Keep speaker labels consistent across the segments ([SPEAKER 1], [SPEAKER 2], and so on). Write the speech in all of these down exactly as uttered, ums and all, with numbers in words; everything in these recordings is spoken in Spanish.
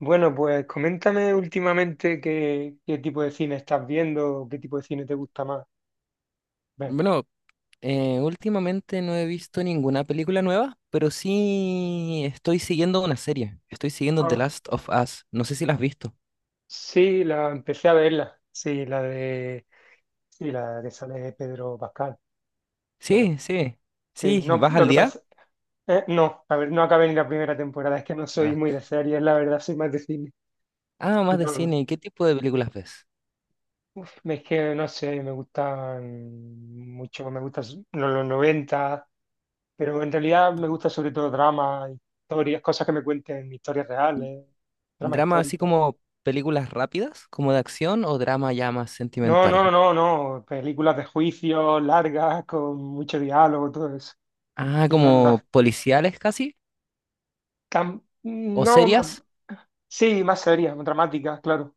[SPEAKER 1] Bueno, pues coméntame últimamente qué, qué tipo de cine estás viendo, o qué tipo de cine te gusta más ver.
[SPEAKER 2] Bueno, eh, últimamente no he visto ninguna película nueva, pero sí estoy siguiendo una serie. Estoy siguiendo The
[SPEAKER 1] Ah,
[SPEAKER 2] Last of Us. No sé si la has visto.
[SPEAKER 1] sí, la empecé a verla. Sí, la de, sí, la que sale Pedro Pascal, claro.
[SPEAKER 2] Sí, sí.
[SPEAKER 1] Sí,
[SPEAKER 2] Sí,
[SPEAKER 1] no,
[SPEAKER 2] ¿vas
[SPEAKER 1] lo
[SPEAKER 2] al
[SPEAKER 1] que
[SPEAKER 2] día?
[SPEAKER 1] pasa, eh, no, a ver, no acabé ni la primera temporada, es que no soy muy
[SPEAKER 2] Ah,
[SPEAKER 1] de series, la verdad, soy más de cine.
[SPEAKER 2] Ah,
[SPEAKER 1] Y
[SPEAKER 2] más de
[SPEAKER 1] no,
[SPEAKER 2] cine. ¿Qué tipo de películas ves?
[SPEAKER 1] es que no sé, me gustan mucho, me gustan los, los noventa, pero en realidad me gusta sobre todo drama, historias, cosas que me cuenten historias reales, dramas
[SPEAKER 2] ¿Drama así
[SPEAKER 1] históricos.
[SPEAKER 2] como películas rápidas, como de acción, o drama ya más
[SPEAKER 1] No,
[SPEAKER 2] sentimental?
[SPEAKER 1] no, no, no, no, películas de juicio largas, con mucho diálogo, todo eso.
[SPEAKER 2] Ah,
[SPEAKER 1] Que no, las,
[SPEAKER 2] como policiales casi,
[SPEAKER 1] cam-
[SPEAKER 2] o
[SPEAKER 1] no, ma-
[SPEAKER 2] serias.
[SPEAKER 1] sí, más serias, más dramáticas, claro.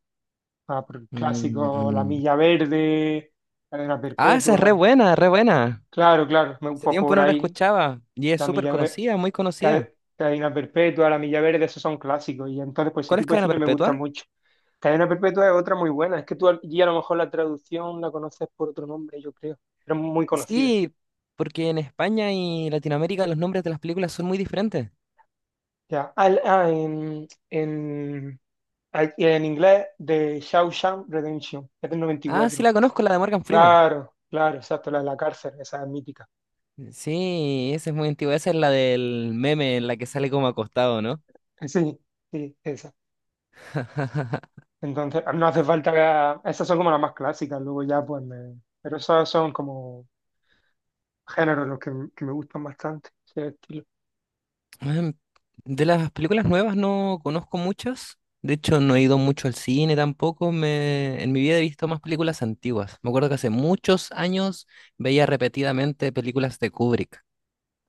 [SPEAKER 1] Ah, pero el clásico, La
[SPEAKER 2] Mm.
[SPEAKER 1] Milla Verde, Cadena
[SPEAKER 2] Ah, esa es re
[SPEAKER 1] Perpetua.
[SPEAKER 2] buena, re buena.
[SPEAKER 1] Claro, claro, me,
[SPEAKER 2] Hace
[SPEAKER 1] pues
[SPEAKER 2] tiempo
[SPEAKER 1] por
[SPEAKER 2] no la
[SPEAKER 1] ahí.
[SPEAKER 2] escuchaba y es
[SPEAKER 1] la
[SPEAKER 2] súper
[SPEAKER 1] milla verde,
[SPEAKER 2] conocida, muy conocida.
[SPEAKER 1] Cadena Perpetua, La Milla Verde, esos son clásicos. Y entonces, pues ese
[SPEAKER 2] ¿Cuál es
[SPEAKER 1] tipo de
[SPEAKER 2] cadena
[SPEAKER 1] cine me gusta
[SPEAKER 2] perpetua?
[SPEAKER 1] mucho. Cadena Perpetua es otra muy buena. Es que tú allí a lo mejor la traducción la conoces por otro nombre, yo creo. Pero es muy conocida.
[SPEAKER 2] Sí, porque en España y Latinoamérica los nombres de las películas son muy diferentes.
[SPEAKER 1] Ya. Al- ah, en, en, al- en inglés, de Shawshank Redemption, es del noventa y
[SPEAKER 2] Ah, sí,
[SPEAKER 1] cuatro.
[SPEAKER 2] la conozco, la de Morgan Freeman.
[SPEAKER 1] Claro, claro, exacto, la de la cárcel, esa es mítica.
[SPEAKER 2] Sí, esa es muy antigua. Esa es la del meme en la que sale como acostado, ¿no?
[SPEAKER 1] Eh, Sí, sí, esa. Entonces, no hace falta que... Esas son como las más clásicas, luego ya pues me- Pero esas son como géneros los que, m- que me gustan bastante, ese estilo.
[SPEAKER 2] Em, De las películas nuevas no conozco muchas. De hecho, no he ido mucho al cine tampoco. Me... En mi vida he visto más películas antiguas. Me acuerdo que hace muchos años veía repetidamente películas de Kubrick.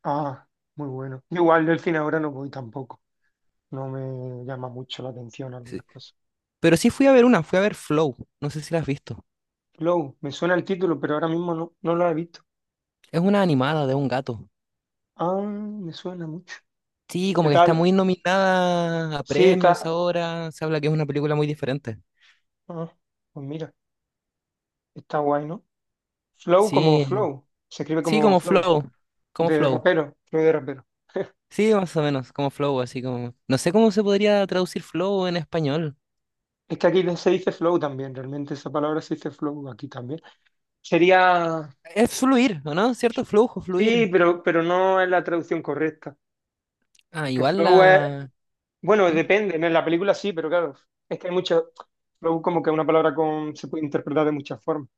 [SPEAKER 1] Ah, muy bueno. Igual del cine ahora no voy tampoco. No me llama mucho la atención
[SPEAKER 2] Sí.
[SPEAKER 1] algunas cosas.
[SPEAKER 2] Pero sí fui a ver una, fui a ver Flow. No sé si la has visto.
[SPEAKER 1] Flow, me suena el título, pero ahora mismo no, no lo he visto.
[SPEAKER 2] Es una animada de un gato.
[SPEAKER 1] Ah, me suena mucho.
[SPEAKER 2] Sí,
[SPEAKER 1] ¿Qué
[SPEAKER 2] como que está
[SPEAKER 1] tal?
[SPEAKER 2] muy nominada a
[SPEAKER 1] Sí,
[SPEAKER 2] premios
[SPEAKER 1] está.
[SPEAKER 2] ahora. Se habla que es una película muy diferente.
[SPEAKER 1] ah, pues mira, está guay, ¿no? Flow como
[SPEAKER 2] Sí,
[SPEAKER 1] Flow. Se escribe
[SPEAKER 2] sí,
[SPEAKER 1] como
[SPEAKER 2] como
[SPEAKER 1] Flow.
[SPEAKER 2] Flow. Como
[SPEAKER 1] De
[SPEAKER 2] Flow.
[SPEAKER 1] rapero, Flow de rapero.
[SPEAKER 2] Sí, más o menos, como Flow, así como. No sé cómo se podría traducir Flow en español.
[SPEAKER 1] Es que aquí se dice Flow también, realmente esa palabra se dice Flow aquí también. Sería.
[SPEAKER 2] Es fluir, ¿o no? ¿Cierto? Flujo,
[SPEAKER 1] Sí,
[SPEAKER 2] fluir.
[SPEAKER 1] pero, pero no es la traducción correcta.
[SPEAKER 2] Ah,
[SPEAKER 1] Porque
[SPEAKER 2] igual
[SPEAKER 1] Flow es,
[SPEAKER 2] la.
[SPEAKER 1] bueno,
[SPEAKER 2] ¿Mm?
[SPEAKER 1] depende, ¿no? En la película sí, pero claro, es que hay mucho, Flow como que es una palabra con, se puede interpretar de muchas formas.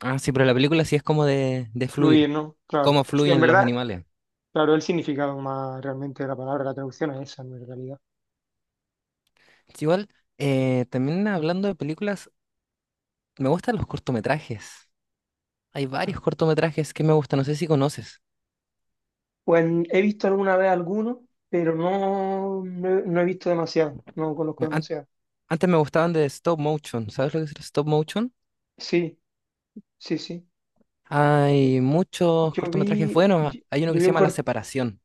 [SPEAKER 2] Ah, sí, pero la película sí es como de, de
[SPEAKER 1] Fluir,
[SPEAKER 2] fluir.
[SPEAKER 1] ¿no? Claro.
[SPEAKER 2] Cómo
[SPEAKER 1] Sí, en
[SPEAKER 2] fluyen los
[SPEAKER 1] verdad,
[SPEAKER 2] animales.
[SPEAKER 1] claro, el significado más realmente de la palabra, la traducción es esa, no en realidad.
[SPEAKER 2] Sí, igual, eh, también hablando de películas, me gustan los cortometrajes. Hay varios
[SPEAKER 1] Claro.
[SPEAKER 2] cortometrajes que me gustan, no sé si conoces.
[SPEAKER 1] Pues he visto alguna vez alguno, pero no, no, he no he visto demasiado, no conozco
[SPEAKER 2] An-
[SPEAKER 1] demasiado.
[SPEAKER 2] Antes me gustaban de stop motion. ¿Sabes lo que es el stop motion?
[SPEAKER 1] Sí, sí, sí.
[SPEAKER 2] Hay muchos
[SPEAKER 1] Yo
[SPEAKER 2] cortometrajes
[SPEAKER 1] vi,
[SPEAKER 2] buenos.
[SPEAKER 1] yo,
[SPEAKER 2] Hay uno
[SPEAKER 1] yo
[SPEAKER 2] que
[SPEAKER 1] vi
[SPEAKER 2] se
[SPEAKER 1] un
[SPEAKER 2] llama La
[SPEAKER 1] cor-
[SPEAKER 2] Separación.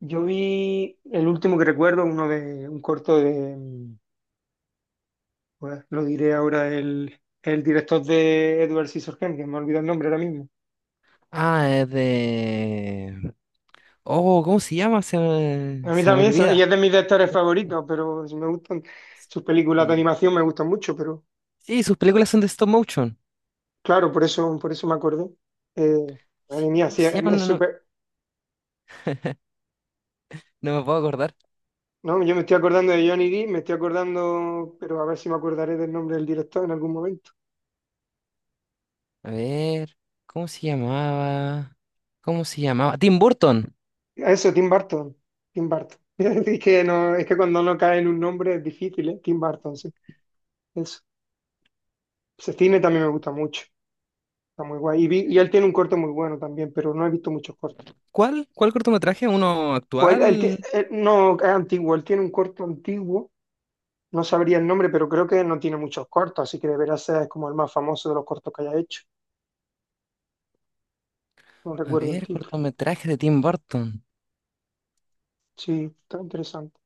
[SPEAKER 1] Yo vi el último que recuerdo, uno de, un corto de... mm, Pues lo diré ahora el, el director de Edward Scissorhands, que me olvidado el nombre ahora mismo.
[SPEAKER 2] Ah, es de... Oh, ¿cómo se llama? Se me,
[SPEAKER 1] A mí
[SPEAKER 2] se me
[SPEAKER 1] también, son-
[SPEAKER 2] olvida.
[SPEAKER 1] ella es de mis directores favoritos, pero si me gustan sus películas de
[SPEAKER 2] Sí,
[SPEAKER 1] animación, me gustan mucho, pero
[SPEAKER 2] Sí, sus películas son de stop motion.
[SPEAKER 1] claro, por eso, por eso me acordé. Eh, Madre
[SPEAKER 2] Sí,
[SPEAKER 1] mía,
[SPEAKER 2] ¿cómo
[SPEAKER 1] sí,
[SPEAKER 2] se
[SPEAKER 1] es
[SPEAKER 2] llama?
[SPEAKER 1] es
[SPEAKER 2] No, no,
[SPEAKER 1] súper...
[SPEAKER 2] no me puedo acordar.
[SPEAKER 1] No, yo me estoy acordando de Johnny Depp, me estoy acordando, pero a ver si me acordaré del nombre del director en algún momento.
[SPEAKER 2] A ver, ¿cómo se llamaba? ¿Cómo se llamaba? Tim Burton.
[SPEAKER 1] Eso, Tim Burton, Tim Burton. Es que, no, es que cuando no cae en un nombre es difícil, ¿eh? Tim Burton, sí. Eso. Ese cine también me gusta mucho. Está muy guay. Y, vi- y él tiene un corto muy bueno también, pero no he visto muchos cortos.
[SPEAKER 2] ¿Cuál? ¿Cuál cortometraje? ¿Uno
[SPEAKER 1] Pues él, él ti-
[SPEAKER 2] actual?
[SPEAKER 1] él- no, es antiguo, él tiene un corto antiguo, no sabría el nombre, pero creo que no tiene muchos cortos, así que deberá ser como el más famoso de los cortos que haya hecho. No
[SPEAKER 2] A
[SPEAKER 1] recuerdo el
[SPEAKER 2] ver,
[SPEAKER 1] título.
[SPEAKER 2] cortometraje de Tim Burton.
[SPEAKER 1] Sí, está interesante.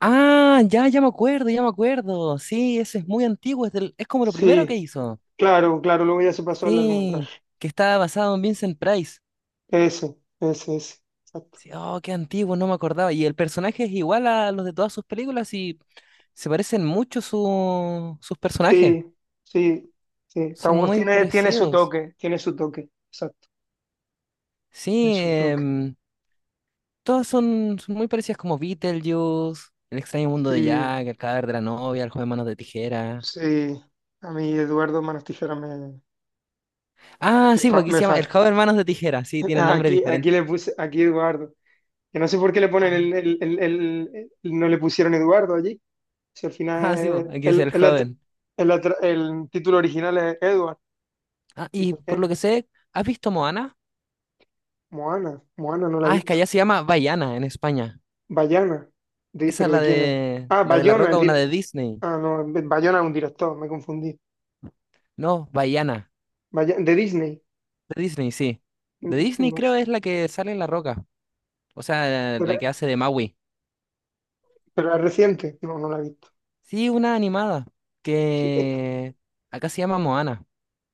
[SPEAKER 2] Ah, ya, ya me acuerdo, ya me acuerdo. Sí, ese es muy antiguo, es, del- es como lo primero que
[SPEAKER 1] Sí,
[SPEAKER 2] hizo.
[SPEAKER 1] claro, claro, luego ya se pasó al
[SPEAKER 2] Sí,
[SPEAKER 1] largometraje.
[SPEAKER 2] que estaba basado en Vincent Price.
[SPEAKER 1] Ese, ese, ese. Exacto.
[SPEAKER 2] Sí, oh, qué antiguo, no me acordaba. Y el personaje es igual a los de todas sus películas y se parecen mucho su- sus personajes.
[SPEAKER 1] Sí, sí, sí. Está
[SPEAKER 2] Son
[SPEAKER 1] guay.
[SPEAKER 2] muy
[SPEAKER 1] Tiene, tiene su
[SPEAKER 2] parecidos.
[SPEAKER 1] toque, tiene su toque. Exacto, tiene
[SPEAKER 2] Sí,
[SPEAKER 1] su toque.
[SPEAKER 2] em, todas son, son muy parecidas como Beetlejuice, El extraño mundo de
[SPEAKER 1] Sí,
[SPEAKER 2] Jack, El cadáver de la novia, El joven manos de tijera.
[SPEAKER 1] sí. A mí Eduardo Manos Tijeras me,
[SPEAKER 2] Ah,
[SPEAKER 1] Me
[SPEAKER 2] sí, porque
[SPEAKER 1] fa-
[SPEAKER 2] aquí se
[SPEAKER 1] me
[SPEAKER 2] llama El
[SPEAKER 1] fas-
[SPEAKER 2] joven manos de tijera. Sí, tiene nombre
[SPEAKER 1] Aquí, aquí
[SPEAKER 2] diferente.
[SPEAKER 1] le puse, aquí Eduardo. Que no sé por qué le ponen el, el- el- el- el- no le pusieron Eduardo allí. Si al
[SPEAKER 2] Ah, sí, po,
[SPEAKER 1] final
[SPEAKER 2] aquí es
[SPEAKER 1] el,
[SPEAKER 2] el
[SPEAKER 1] el, at-
[SPEAKER 2] joven.
[SPEAKER 1] el atra- el título original es Edward.
[SPEAKER 2] Ah, y
[SPEAKER 1] Dice,
[SPEAKER 2] por
[SPEAKER 1] eh,
[SPEAKER 2] lo que sé, ¿has visto Moana?
[SPEAKER 1] Moana, Moana no la he
[SPEAKER 2] Ah, es que
[SPEAKER 1] visto.
[SPEAKER 2] allá se llama Vaiana en España.
[SPEAKER 1] Bayana, De-
[SPEAKER 2] Esa es
[SPEAKER 1] ¿pero de
[SPEAKER 2] la
[SPEAKER 1] quién es?
[SPEAKER 2] de
[SPEAKER 1] Ah,
[SPEAKER 2] la de La
[SPEAKER 1] Bayona, el
[SPEAKER 2] Roca, una
[SPEAKER 1] dir-
[SPEAKER 2] de Disney.
[SPEAKER 1] Ah, no, Bayona es un director, me confundí.
[SPEAKER 2] No, Vaiana.
[SPEAKER 1] Baya- de Disney.
[SPEAKER 2] De Disney, sí. De
[SPEAKER 1] Mm, sí,
[SPEAKER 2] Disney
[SPEAKER 1] no.
[SPEAKER 2] creo es la que sale en La Roca. O sea,
[SPEAKER 1] Pero,
[SPEAKER 2] la que hace de Maui.
[SPEAKER 1] pero es reciente, no, no la he visto.
[SPEAKER 2] Sí, una animada.
[SPEAKER 1] Sí.
[SPEAKER 2] Que acá se llama Moana.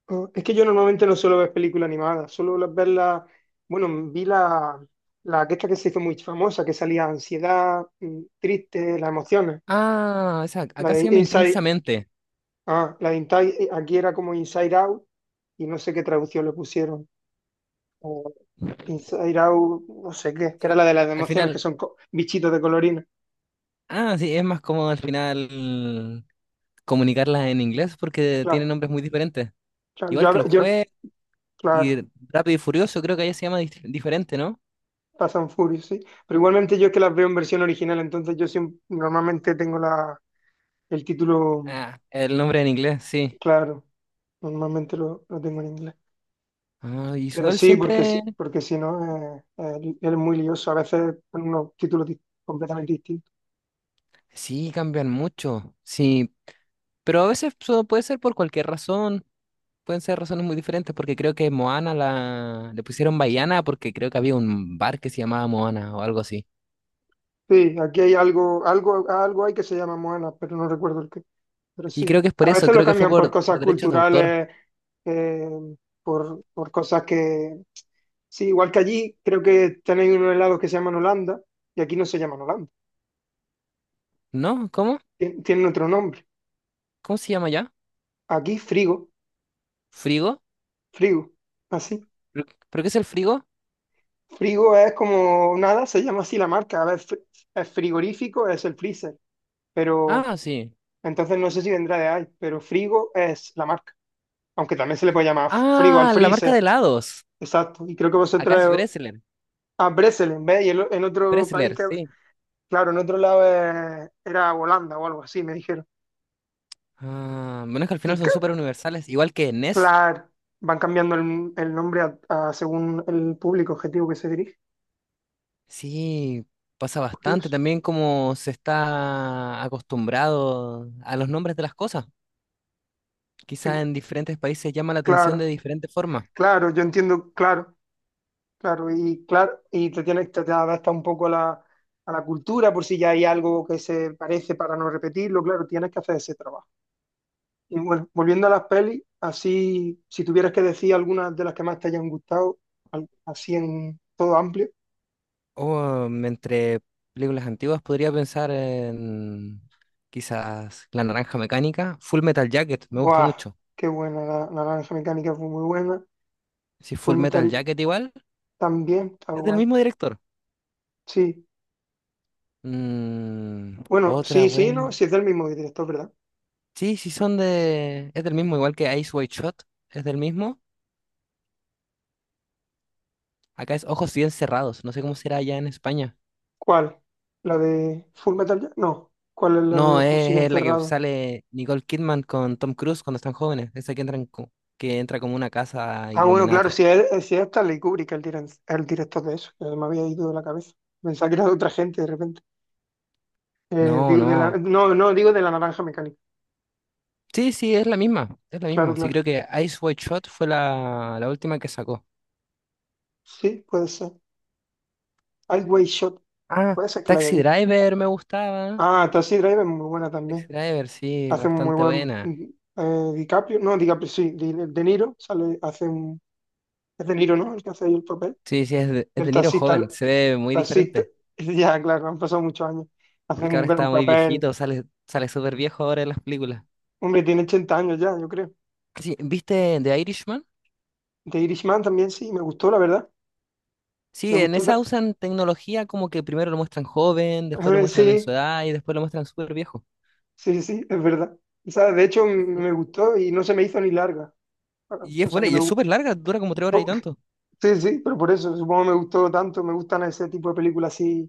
[SPEAKER 1] Ah, es que yo normalmente no suelo ver películas animadas, suelo las- verlas, bueno, vi la, la que esta que se hizo muy famosa, que salía ansiedad, mm, triste, las emociones,
[SPEAKER 2] Ah, esa,
[SPEAKER 1] la
[SPEAKER 2] acá se
[SPEAKER 1] de
[SPEAKER 2] llama
[SPEAKER 1] Inside,
[SPEAKER 2] Intensamente.
[SPEAKER 1] ah, la de Inside, eh, aquí era como Inside Out y no sé qué traducción le pusieron, o Inside Out, no sé qué, que era
[SPEAKER 2] Sí,
[SPEAKER 1] la de las
[SPEAKER 2] al
[SPEAKER 1] emociones, que
[SPEAKER 2] final.
[SPEAKER 1] son co- bichitos de colorina,
[SPEAKER 2] Ah, sí, es más cómodo al final comunicarlas en inglés porque tienen
[SPEAKER 1] claro,
[SPEAKER 2] nombres muy diferentes.
[SPEAKER 1] claro, yo,
[SPEAKER 2] Igual
[SPEAKER 1] a
[SPEAKER 2] que
[SPEAKER 1] ve-
[SPEAKER 2] los
[SPEAKER 1] yo,
[SPEAKER 2] jueves y
[SPEAKER 1] claro,
[SPEAKER 2] Rápido y Furioso, creo que allá se llama dif- diferente, ¿no?
[SPEAKER 1] pasan Furious, sí, pero igualmente yo es que las veo en versión original, entonces yo siempre, normalmente tengo la, el título...
[SPEAKER 2] Ah, el nombre en inglés, sí.
[SPEAKER 1] Claro, normalmente lo, lo tengo en inglés.
[SPEAKER 2] Ah, y
[SPEAKER 1] Pero
[SPEAKER 2] igual
[SPEAKER 1] sí, porque, si-
[SPEAKER 2] siempre,
[SPEAKER 1] porque si no, eh, eh, es muy lioso. A veces con unos títulos di- completamente distintos.
[SPEAKER 2] sí, cambian mucho, sí, pero a veces so- puede ser por cualquier razón, pueden ser razones muy diferentes, porque creo que Moana la, le pusieron Baiana porque creo que había un bar que se llamaba Moana o algo así.
[SPEAKER 1] Sí, aquí hay algo, algo, algo hay que se llama Moana, pero no recuerdo el qué. Pero
[SPEAKER 2] Y
[SPEAKER 1] sí,
[SPEAKER 2] creo que es por
[SPEAKER 1] a
[SPEAKER 2] eso,
[SPEAKER 1] veces lo
[SPEAKER 2] creo que fue
[SPEAKER 1] cambian por
[SPEAKER 2] por,
[SPEAKER 1] cosas
[SPEAKER 2] por derechos de autor,
[SPEAKER 1] culturales, eh, por, por cosas que... Sí, igual que allí, creo que tenéis unos helados que se llaman Holanda y aquí no se llaman Holanda.
[SPEAKER 2] ¿no? ¿Cómo?
[SPEAKER 1] Tien- Tienen otro nombre.
[SPEAKER 2] ¿Cómo se llama ya?
[SPEAKER 1] Aquí, frigo,
[SPEAKER 2] ¿Frigo?
[SPEAKER 1] frigo, así.
[SPEAKER 2] ¿Pero pero qué es el frigo?
[SPEAKER 1] Frigo es como nada, se llama así la marca. A ver, fr- es frigorífico, es el freezer, pero
[SPEAKER 2] Ah, sí.
[SPEAKER 1] entonces no sé si vendrá de ahí, pero frigo es la marca. Aunque también se le puede llamar frigo al
[SPEAKER 2] Ah, la marca de
[SPEAKER 1] freezer,
[SPEAKER 2] helados.
[SPEAKER 1] exacto. Y creo que
[SPEAKER 2] Acá es
[SPEAKER 1] vosotros
[SPEAKER 2] Breslen.
[SPEAKER 1] a Breselen, ¿ves? Y el- en, otro país
[SPEAKER 2] Dressler,
[SPEAKER 1] que,
[SPEAKER 2] sí.
[SPEAKER 1] claro, en otro lado es- era Holanda o algo así, me dijeron.
[SPEAKER 2] Ah, bueno, es que al
[SPEAKER 1] Y
[SPEAKER 2] final son
[SPEAKER 1] ca-
[SPEAKER 2] súper universales, igual que NES.
[SPEAKER 1] claro, van cambiando el, el nombre a- a según el público objetivo que se dirige.
[SPEAKER 2] Sí, pasa bastante
[SPEAKER 1] Curioso.
[SPEAKER 2] también como se está acostumbrado a los nombres de las cosas. Quizás
[SPEAKER 1] Eh,
[SPEAKER 2] en diferentes países llama la atención de
[SPEAKER 1] Claro,
[SPEAKER 2] diferente forma.
[SPEAKER 1] claro, yo entiendo, claro. Claro, y claro, y te tienes, te, te adapta un poco a la, a la cultura por si ya hay algo que se parece para no repetirlo, claro, tienes que hacer ese trabajo. Y bueno, volviendo a las pelis, así, si tuvieras que decir algunas de las que más te hayan gustado, al- así en todo amplio,
[SPEAKER 2] O mm, entre películas antiguas podría pensar en quizás La Naranja Mecánica, Full Metal Jacket, me gusta
[SPEAKER 1] ¡Buah!
[SPEAKER 2] mucho.
[SPEAKER 1] Qué buena, la, la naranja mecánica fue muy buena,
[SPEAKER 2] Si
[SPEAKER 1] Full
[SPEAKER 2] Full Metal
[SPEAKER 1] Metal
[SPEAKER 2] Jacket igual,
[SPEAKER 1] también, está
[SPEAKER 2] es del
[SPEAKER 1] guay.
[SPEAKER 2] mismo director.
[SPEAKER 1] Sí,
[SPEAKER 2] Mm,
[SPEAKER 1] bueno,
[SPEAKER 2] otra
[SPEAKER 1] sí, sí,
[SPEAKER 2] buena.
[SPEAKER 1] no, sí es del mismo director, ¿verdad?
[SPEAKER 2] Sí, sí son de... Es del mismo, igual que Ice White Shot, es del mismo. Acá es Ojos Bien Cerrados, no sé cómo será allá en España.
[SPEAKER 1] ¿Cuál? ¿La de Full Metal? Ya- No, ¿cuál es la de
[SPEAKER 2] No,
[SPEAKER 1] Ojos
[SPEAKER 2] es,
[SPEAKER 1] siguen
[SPEAKER 2] es la que
[SPEAKER 1] cerrados?
[SPEAKER 2] sale Nicole Kidman con Tom Cruise cuando están jóvenes, esa que entra, co- que entra como una casa
[SPEAKER 1] Ah, bueno, claro,
[SPEAKER 2] Illuminati.
[SPEAKER 1] si es, eh, si es Stanley Kubrick el, diren- el director de eso, que me había ido de la cabeza. Pensaba que era de otra gente de repente. Eh,
[SPEAKER 2] No,
[SPEAKER 1] digo de la,
[SPEAKER 2] no.
[SPEAKER 1] no, no, digo de La Naranja Mecánica.
[SPEAKER 2] Sí, sí, es la misma, es la
[SPEAKER 1] Claro,
[SPEAKER 2] misma. Sí,
[SPEAKER 1] claro.
[SPEAKER 2] creo que Ice White Shot fue la, la última que sacó.
[SPEAKER 1] Sí, puede ser. Highway Shot,
[SPEAKER 2] Ah,
[SPEAKER 1] puede ser que la haya
[SPEAKER 2] Taxi
[SPEAKER 1] visto.
[SPEAKER 2] Driver me gustaba.
[SPEAKER 1] Ah, Taxi Driver es muy buena
[SPEAKER 2] Taxi
[SPEAKER 1] también.
[SPEAKER 2] Driver, sí,
[SPEAKER 1] Hace un muy
[SPEAKER 2] bastante
[SPEAKER 1] buen
[SPEAKER 2] buena.
[SPEAKER 1] mm, eh, DiCaprio, no, DiCaprio sí, Di- De Niro, sale, hace un, es De Niro, ¿no? El que hace ahí el papel.
[SPEAKER 2] Sí, sí, es de, es
[SPEAKER 1] Del
[SPEAKER 2] de Niro
[SPEAKER 1] taxista,
[SPEAKER 2] joven, se ve muy
[SPEAKER 1] taxista.
[SPEAKER 2] diferente.
[SPEAKER 1] Ya, claro, han pasado muchos años. Hace
[SPEAKER 2] Porque ahora
[SPEAKER 1] un
[SPEAKER 2] está
[SPEAKER 1] gran
[SPEAKER 2] muy
[SPEAKER 1] papel.
[SPEAKER 2] viejito, sale, sale súper viejo ahora en las películas.
[SPEAKER 1] Hombre, tiene ochenta años ya, yo creo.
[SPEAKER 2] Sí, ¿viste The Irishman?
[SPEAKER 1] The Irishman también sí, me gustó, la verdad.
[SPEAKER 2] Sí,
[SPEAKER 1] Me
[SPEAKER 2] en
[SPEAKER 1] gustó.
[SPEAKER 2] esa
[SPEAKER 1] ta-
[SPEAKER 2] usan tecnología como que primero lo muestran joven, después lo
[SPEAKER 1] Sí,
[SPEAKER 2] muestran en su
[SPEAKER 1] sí,
[SPEAKER 2] edad y después lo muestran súper viejo.
[SPEAKER 1] sí, sí, es verdad. O sea, de hecho, m-
[SPEAKER 2] Sí.
[SPEAKER 1] me gustó y no se me hizo ni larga. Bueno,
[SPEAKER 2] Y
[SPEAKER 1] o
[SPEAKER 2] es
[SPEAKER 1] sea,
[SPEAKER 2] buena,
[SPEAKER 1] que
[SPEAKER 2] y
[SPEAKER 1] me
[SPEAKER 2] es
[SPEAKER 1] gustó.
[SPEAKER 2] súper larga, dura como tres horas y tanto.
[SPEAKER 1] Sí, sí, pero por eso, supongo que me gustó tanto. Me gustan ese tipo de películas así,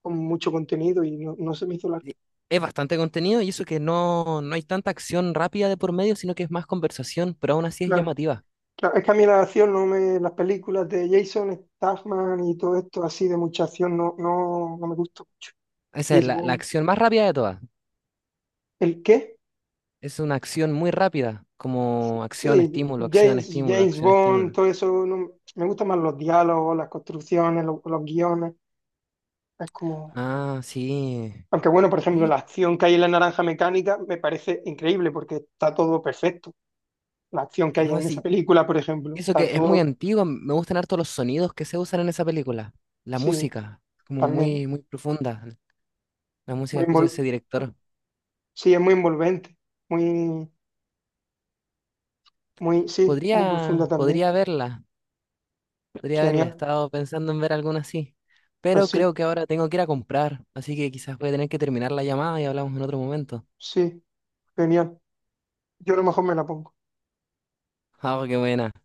[SPEAKER 1] con mucho contenido y no, no se me hizo larga.
[SPEAKER 2] Y es bastante contenido y eso que no, no hay tanta acción rápida de por medio, sino que es más conversación, pero aún así es
[SPEAKER 1] Claro,
[SPEAKER 2] llamativa.
[SPEAKER 1] claro. Es que a mí la acción, no me, las películas de Jason Statham y todo esto así de mucha acción, no, no, no me gustó.
[SPEAKER 2] Esa es
[SPEAKER 1] James
[SPEAKER 2] la, la
[SPEAKER 1] Bond.
[SPEAKER 2] acción más rápida de todas.
[SPEAKER 1] ¿El qué?
[SPEAKER 2] Es una acción muy rápida, como acción,
[SPEAKER 1] Sí,
[SPEAKER 2] estímulo, acción,
[SPEAKER 1] James,
[SPEAKER 2] estímulo,
[SPEAKER 1] James
[SPEAKER 2] acción,
[SPEAKER 1] Bond,
[SPEAKER 2] estímulo.
[SPEAKER 1] todo eso, no- me gustan más los diálogos, las construcciones, los, los guiones. Es como,
[SPEAKER 2] Ah, sí.
[SPEAKER 1] aunque bueno, por ejemplo, la
[SPEAKER 2] Sí,
[SPEAKER 1] acción que hay en La Naranja Mecánica me parece increíble porque está todo perfecto. La acción que hay
[SPEAKER 2] no,
[SPEAKER 1] en esa
[SPEAKER 2] sí,
[SPEAKER 1] película, por ejemplo,
[SPEAKER 2] eso
[SPEAKER 1] está
[SPEAKER 2] que es muy
[SPEAKER 1] todo,
[SPEAKER 2] antiguo, me gustan harto los sonidos que se usan en esa película, la
[SPEAKER 1] sí,
[SPEAKER 2] música, como
[SPEAKER 1] también
[SPEAKER 2] muy, muy profunda, la
[SPEAKER 1] muy
[SPEAKER 2] música que usa ese
[SPEAKER 1] invol,
[SPEAKER 2] director.
[SPEAKER 1] sí, es muy envolvente, muy, muy, sí, muy profunda
[SPEAKER 2] Podría,
[SPEAKER 1] también.
[SPEAKER 2] podría verla, podría verla, he
[SPEAKER 1] Genial,
[SPEAKER 2] estado pensando en ver alguna así,
[SPEAKER 1] pues
[SPEAKER 2] pero creo
[SPEAKER 1] sí,
[SPEAKER 2] que ahora tengo que ir a comprar, así que quizás voy a tener que terminar la llamada y hablamos en otro momento.
[SPEAKER 1] sí, genial. Yo a lo mejor me la pongo.
[SPEAKER 2] Ah, qué buena.